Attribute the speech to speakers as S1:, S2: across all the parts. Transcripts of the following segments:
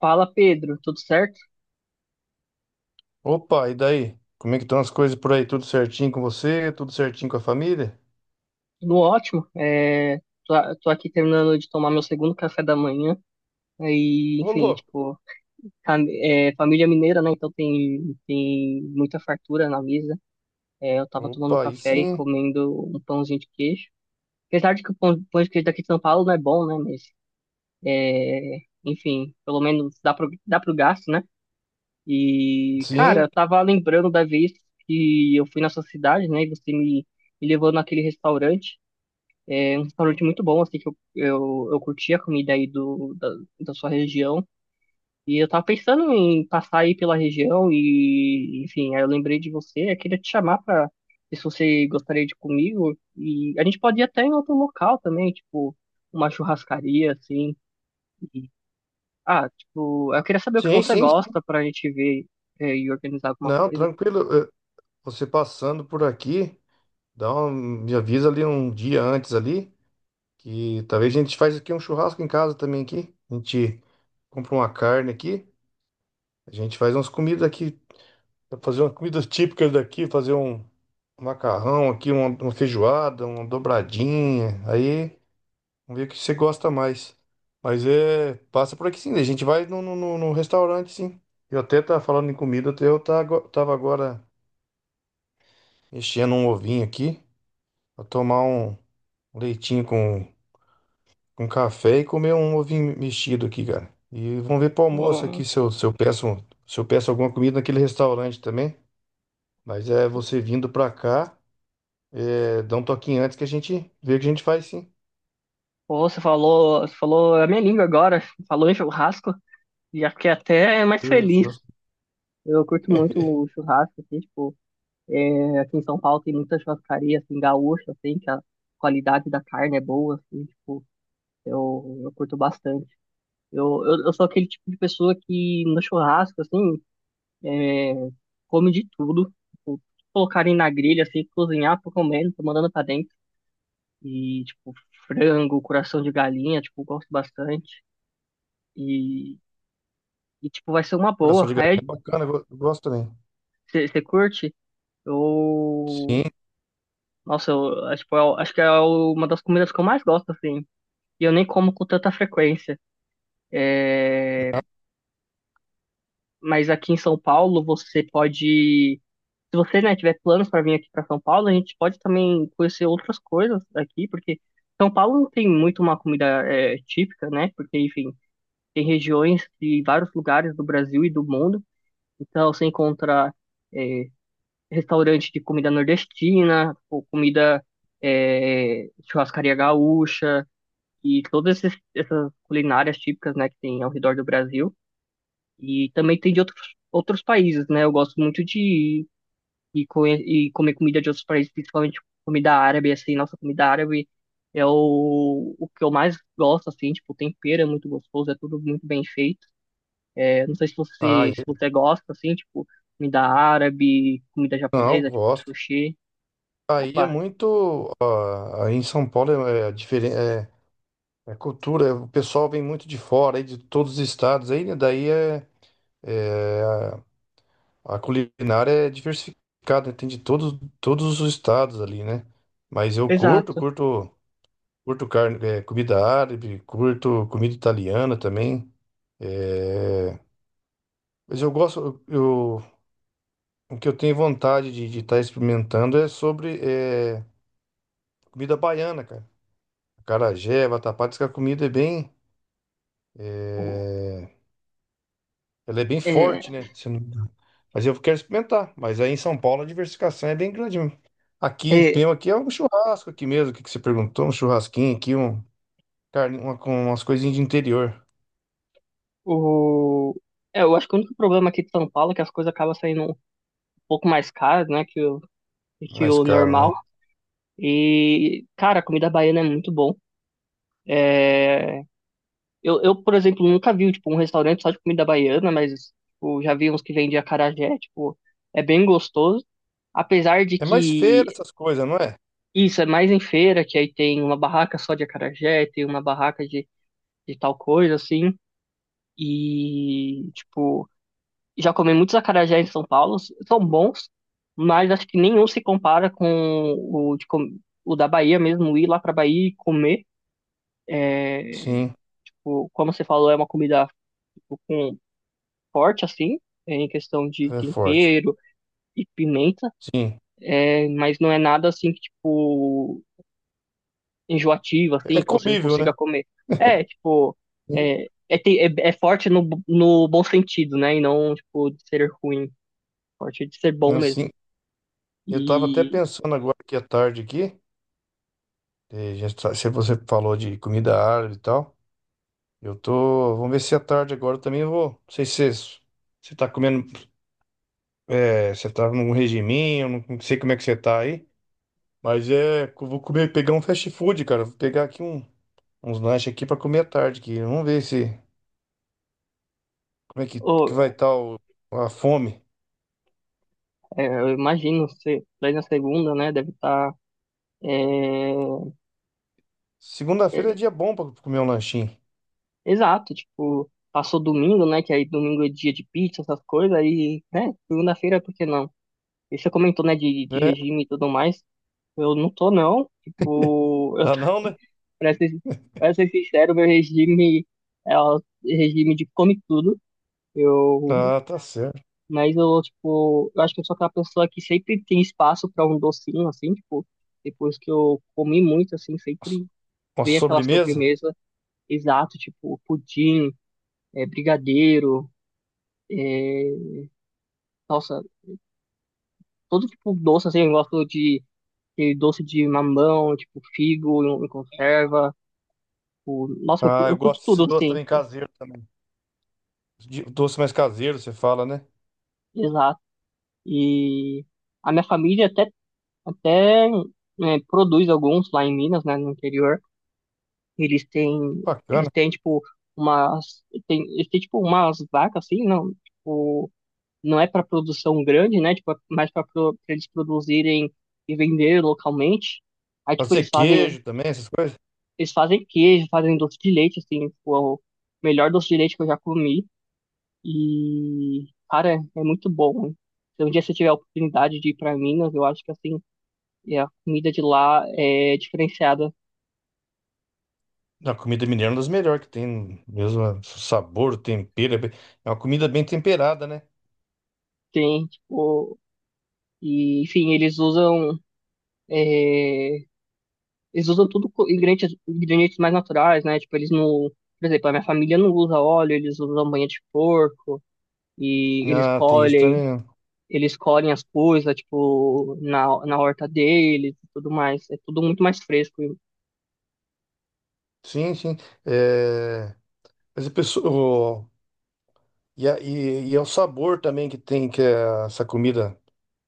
S1: Fala, Pedro, tudo certo?
S2: Opa, e daí? Como é que estão as coisas por aí? Tudo certinho com você? Tudo certinho com a família?
S1: Tudo ótimo. Tô, tô aqui terminando de tomar meu segundo café da manhã. Aí,
S2: Ô,
S1: enfim,
S2: louco!
S1: tipo, família mineira, né? Então tem muita fartura na mesa. É, eu tava tomando
S2: Opa, aí
S1: café e
S2: sim.
S1: comendo um pãozinho de queijo. Apesar de que o pão de queijo daqui de São Paulo não é bom, né? Mas, enfim, pelo menos dá dá pro gasto, né? E, cara,
S2: Sim,
S1: eu tava lembrando da vez que eu fui na sua cidade, né? E você me levou naquele restaurante. Um restaurante muito bom, assim, que eu curti a comida aí da sua região. E eu tava pensando em passar aí pela região e, enfim, aí eu lembrei de você, eu queria te chamar pra ver se você gostaria de ir comigo. E a gente pode ir até em outro local também, tipo, uma churrascaria, assim. E, ah, tipo, eu queria saber o que
S2: sim,
S1: você
S2: sim, sim.
S1: gosta pra gente ver e organizar alguma
S2: Não,
S1: coisa.
S2: tranquilo. Você passando por aqui, dá um, me avisa ali um dia antes ali, que talvez a gente faz aqui um churrasco em casa também aqui. A gente compra uma carne aqui, a gente faz umas comidas aqui, fazer umas comidas típicas daqui, fazer um macarrão aqui, uma feijoada, uma dobradinha. Aí vamos ver o que você gosta mais. Mas é. Passa por aqui sim. A gente vai no restaurante, sim. Eu até tava falando em comida, até eu tava agora mexendo um ovinho aqui. Pra tomar um leitinho com café e comer um ovinho mexido aqui, cara. E vamos ver pro almoço
S1: Pô,
S2: aqui se eu, se eu peço alguma comida naquele restaurante também. Mas é você vindo pra cá, é, dá um toquinho antes que a gente vê o que a gente faz, sim.
S1: Você falou a minha língua agora, falou em churrasco, já fiquei até mais
S2: Eu
S1: feliz.
S2: gosto-
S1: Eu curto muito o churrasco, assim, tipo, é, aqui em São Paulo tem muita churrascaria, assim, gaúcha, assim, que a qualidade da carne é boa, assim, tipo, eu curto bastante. Eu sou aquele tipo de pessoa que no churrasco, assim, come de tudo. Tipo, colocarem na grelha, assim, cozinhar, tô comendo, tô mandando pra dentro. E, tipo, frango, coração de galinha, tipo, gosto bastante. E, e tipo, vai ser uma
S2: Coração
S1: boa.
S2: de galinha é
S1: Aí,
S2: bacana, eu gosto também.
S1: você curte? Eu,
S2: Sim.
S1: nossa, eu, é, tipo, eu acho que é uma das comidas que eu mais gosto, assim. E eu nem como com tanta frequência. Mas aqui em São Paulo, você pode. Se você, né, tiver planos para vir aqui para São Paulo, a gente pode também conhecer outras coisas aqui, porque São Paulo não tem muito uma comida é, típica, né? Porque, enfim, tem regiões de vários lugares do Brasil e do mundo. Então, você encontra é, restaurante de comida nordestina, ou comida é, churrascaria gaúcha e todas essas culinárias típicas, né, que tem ao redor do Brasil e também tem de outros países, né? Eu gosto muito de ir conhe- e, comer comida de outros países, principalmente comida árabe, assim, nossa comida árabe é o que eu mais gosto, assim, tipo, o tempero é muito gostoso, é tudo muito bem feito. É, não sei se
S2: Ah,
S1: você se você gosta, assim, tipo, comida árabe, comida
S2: Não,
S1: japonesa, tipo
S2: gosto.
S1: sushi.
S2: Aí é
S1: Opa,
S2: muito. Aí em São Paulo é, diferente. É, é cultura, é- o pessoal vem muito de fora, aí de todos os estados, aí, né? É, a a culinária é diversificada, né, tem de todos os estados ali, né? Mas
S1: exato.
S2: curto carne, é, comida árabe, curto comida italiana também. é, mas eu o que eu tenho vontade de estar experimentando é sobre é, comida baiana, cara. Acarajé, vatapá, diz que a comida é bem.
S1: O-
S2: é, Ela é bem
S1: É,
S2: forte, né? Se não- Mas eu quero experimentar. Mas aí em São Paulo a diversificação é bem grande mesmo. Aqui em
S1: é,
S2: Pema aqui é um churrasco aqui mesmo, o que que você perguntou? Um churrasquinho aqui, um carne, uma, com umas coisinhas de interior.
S1: O... É, eu acho que o único problema aqui de São Paulo que as coisas acabam saindo um pouco mais caras, né, que que
S2: Mais
S1: o
S2: caro,
S1: normal.
S2: né?
S1: E, cara, a comida baiana é muito bom. É... Eu, por exemplo, nunca vi, tipo, um restaurante só de comida baiana, mas, tipo, já vi uns que vendem acarajé, tipo, é bem gostoso. Apesar de
S2: É mais feira
S1: que
S2: essas coisas, não é?
S1: isso é mais em feira, que aí tem uma barraca só de acarajé, tem uma barraca de tal coisa, assim. E, tipo... Já comi muitos acarajés em São Paulo, são bons, mas acho que nenhum se compara com o, de com- o da Bahia mesmo, ir lá pra Bahia e comer.
S2: Sim,
S1: Tipo, como você falou, é uma comida tipo, com forte, assim, em questão de
S2: é forte.
S1: tempero e pimenta,
S2: Sim.
S1: é, mas não é nada assim que, tipo, enjoativo, assim,
S2: É
S1: que você não
S2: comível, né?
S1: consiga comer. É, tipo,
S2: Sim.
S1: é forte no bom sentido, né? E não, tipo, de ser ruim, forte de ser bom
S2: Assim,
S1: mesmo.
S2: eu tava até
S1: E.
S2: pensando agora aqui à tarde aqui, já tá- se você falou de comida árabe e tal. Eu tô. Vamos ver se à tarde agora eu vou. Não sei se você tá comendo. É, você tá num regiminho, não sei como é que você tá aí. Mas é. Eu Vou comer, pegar um fast food, cara. Vou pegar aqui um, uns lanches aqui pra comer à tarde aqui. Vamos ver se. Como é que vai
S1: Ô,
S2: estar a fome.
S1: é, eu imagino, você daí na segunda, né, deve estar é,
S2: Segunda-feira é
S1: é,
S2: dia bom pra comer um lanchinho.
S1: exato, tipo, passou domingo, né, que aí domingo é dia de pizza, essas coisas, aí, né, segunda-feira, por que não? E você comentou, né, de
S2: É,
S1: regime e tudo mais, eu não tô, não, tipo, eu,
S2: tá não, né?
S1: pra ser, pra ser sincero, meu regime é o regime de come tudo, eu,
S2: Ah, tá certo.
S1: mas eu, tipo, eu acho que eu sou aquela pessoa que sempre tem espaço pra um docinho, assim, tipo, depois que eu comi muito, assim, sempre
S2: Uma
S1: ver aquela
S2: sobremesa?
S1: sobremesa exato, tipo pudim, é, brigadeiro, nossa, todo tipo de doce, assim, eu gosto de aquele doce de mamão, tipo figo em conserva, o, nossa, eu,
S2: Ah, eu
S1: eu curto
S2: gosto desse
S1: tudo,
S2: doce
S1: assim,
S2: também
S1: tipo,
S2: caseiro também. Doce mais caseiro, você fala, né?
S1: exato. E a minha até né, produz alguns lá em Minas, né, no interior, eles têm, eles
S2: Bacana.
S1: têm, tipo, eles têm, tipo, umas vacas, assim, não, tipo, não é para produção grande, né? Tipo, mas para eles produzirem e vender localmente. Aí,
S2: Pode
S1: tipo,
S2: ser queijo também, essas coisas.
S1: eles fazem queijo, fazem doce de leite, assim, tipo, é o melhor doce de leite que eu já comi. E, cara, é muito bom, hein? Se um dia você tiver a oportunidade de ir para Minas, eu acho que, assim, é, a comida de lá é diferenciada.
S2: A comida mineira é uma das melhores que tem, mesmo é, sabor, o tempero, é uma comida bem temperada, né?
S1: Tem, tipo, e, enfim, eles usam tudo ingredientes mais naturais, né? Tipo, eles não. Por exemplo, a minha família não usa óleo, eles usam banha de porco e
S2: Ah, tem isso também. Né?
S1: eles colhem as coisas, tipo, na horta deles e tudo mais. É tudo muito mais fresco.
S2: Sim, sim. É, mas a pessoa, o- e, e é o sabor também que tem que é essa comida,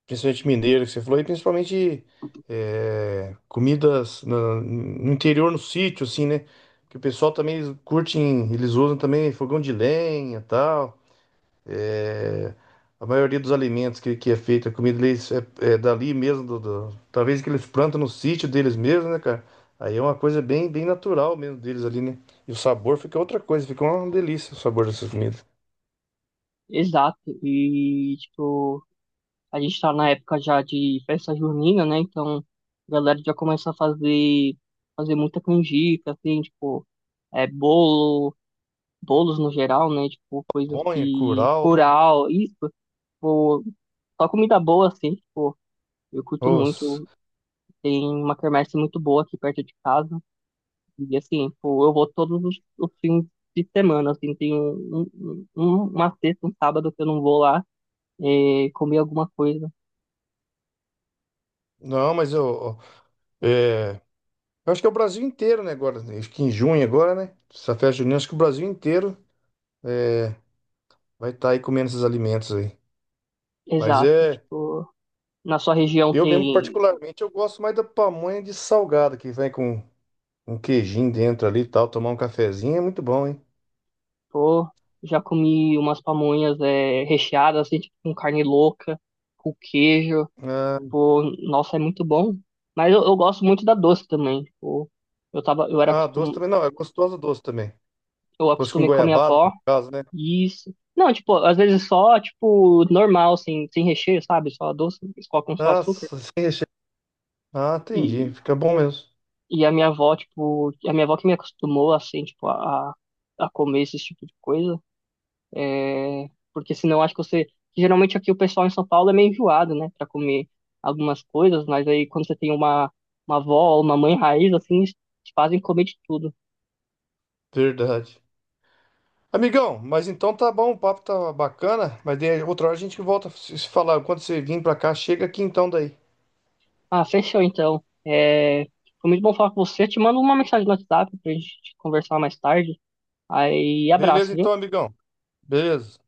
S2: principalmente mineira que você falou, e principalmente é, comidas no interior, no sítio, assim, né? Que o pessoal também eles curtem, eles usam também fogão de lenha, tal. É, a maioria dos alimentos que é feita, a comida deles é, é dali mesmo, talvez que eles plantam no sítio deles mesmo, né, cara? Aí é uma coisa bem, bem natural mesmo deles ali, né? E o sabor fica outra coisa, fica uma delícia o sabor dessas comidas.
S1: Exato. E, tipo, a gente tá na época já de festa junina, né? Então, a galera já começa a fazer muita canjica, assim, tipo, é, bolos no geral, né? Tipo, coisas
S2: Pamonha,
S1: que.
S2: curau, né?
S1: Curau, isso, tipo, só comida boa, assim, tipo, eu curto
S2: Nossa.
S1: muito. Tem uma quermesse muito boa aqui perto de casa. E, assim, tipo, eu vou os fins de semana, assim, tem uma sexta, um sábado que eu não vou lá comer alguma coisa.
S2: Não, mas é, eu acho que é o Brasil inteiro, né, agora, né? Acho que em junho agora, né? Essa festa junina, acho que o Brasil inteiro vai estar aí comendo esses alimentos aí. Mas
S1: Exato,
S2: é,
S1: tipo, na sua região
S2: eu mesmo
S1: tem,
S2: particularmente, eu gosto mais da pamonha de salgada que vem com um queijinho dentro ali e tal, tomar um cafezinho é muito bom, hein?
S1: pô, já comi umas pamonhas recheadas, assim, tipo, com carne louca, com queijo,
S2: Ah,
S1: pô, nossa, é muito bom. Mas eu gosto muito da doce também, tipo, eu tava, eu era
S2: ah, doce
S1: acostum,
S2: também não, é gostoso doce também.
S1: eu
S2: Doce com
S1: acostumei com a minha
S2: goiabada, no
S1: avó.
S2: caso, né?
S1: Isso. Não, tipo, às vezes só, tipo, normal, sem recheio, sabe? Só doce, eles colocam só açúcar.
S2: Nossa, sem recheio. Ah, entendi,
S1: E,
S2: fica bom mesmo.
S1: a minha avó que me acostumou, assim, tipo, a comer esse tipo de coisa. É, porque senão acho que você. Geralmente aqui o pessoal em São Paulo é meio enjoado, né, pra comer algumas coisas, mas aí quando você tem uma avó ou uma mãe raiz, assim, eles te fazem comer de tudo.
S2: Verdade. Amigão, mas então tá bom, o papo tá bacana, mas daí outra hora a gente volta a se falar. Quando você vir pra cá, chega aqui então daí.
S1: Ah, fechou então. É, foi muito bom falar com você. Te mando uma mensagem no WhatsApp pra gente conversar mais tarde. Aí,
S2: Beleza
S1: abraço, viu?
S2: então, amigão? Beleza.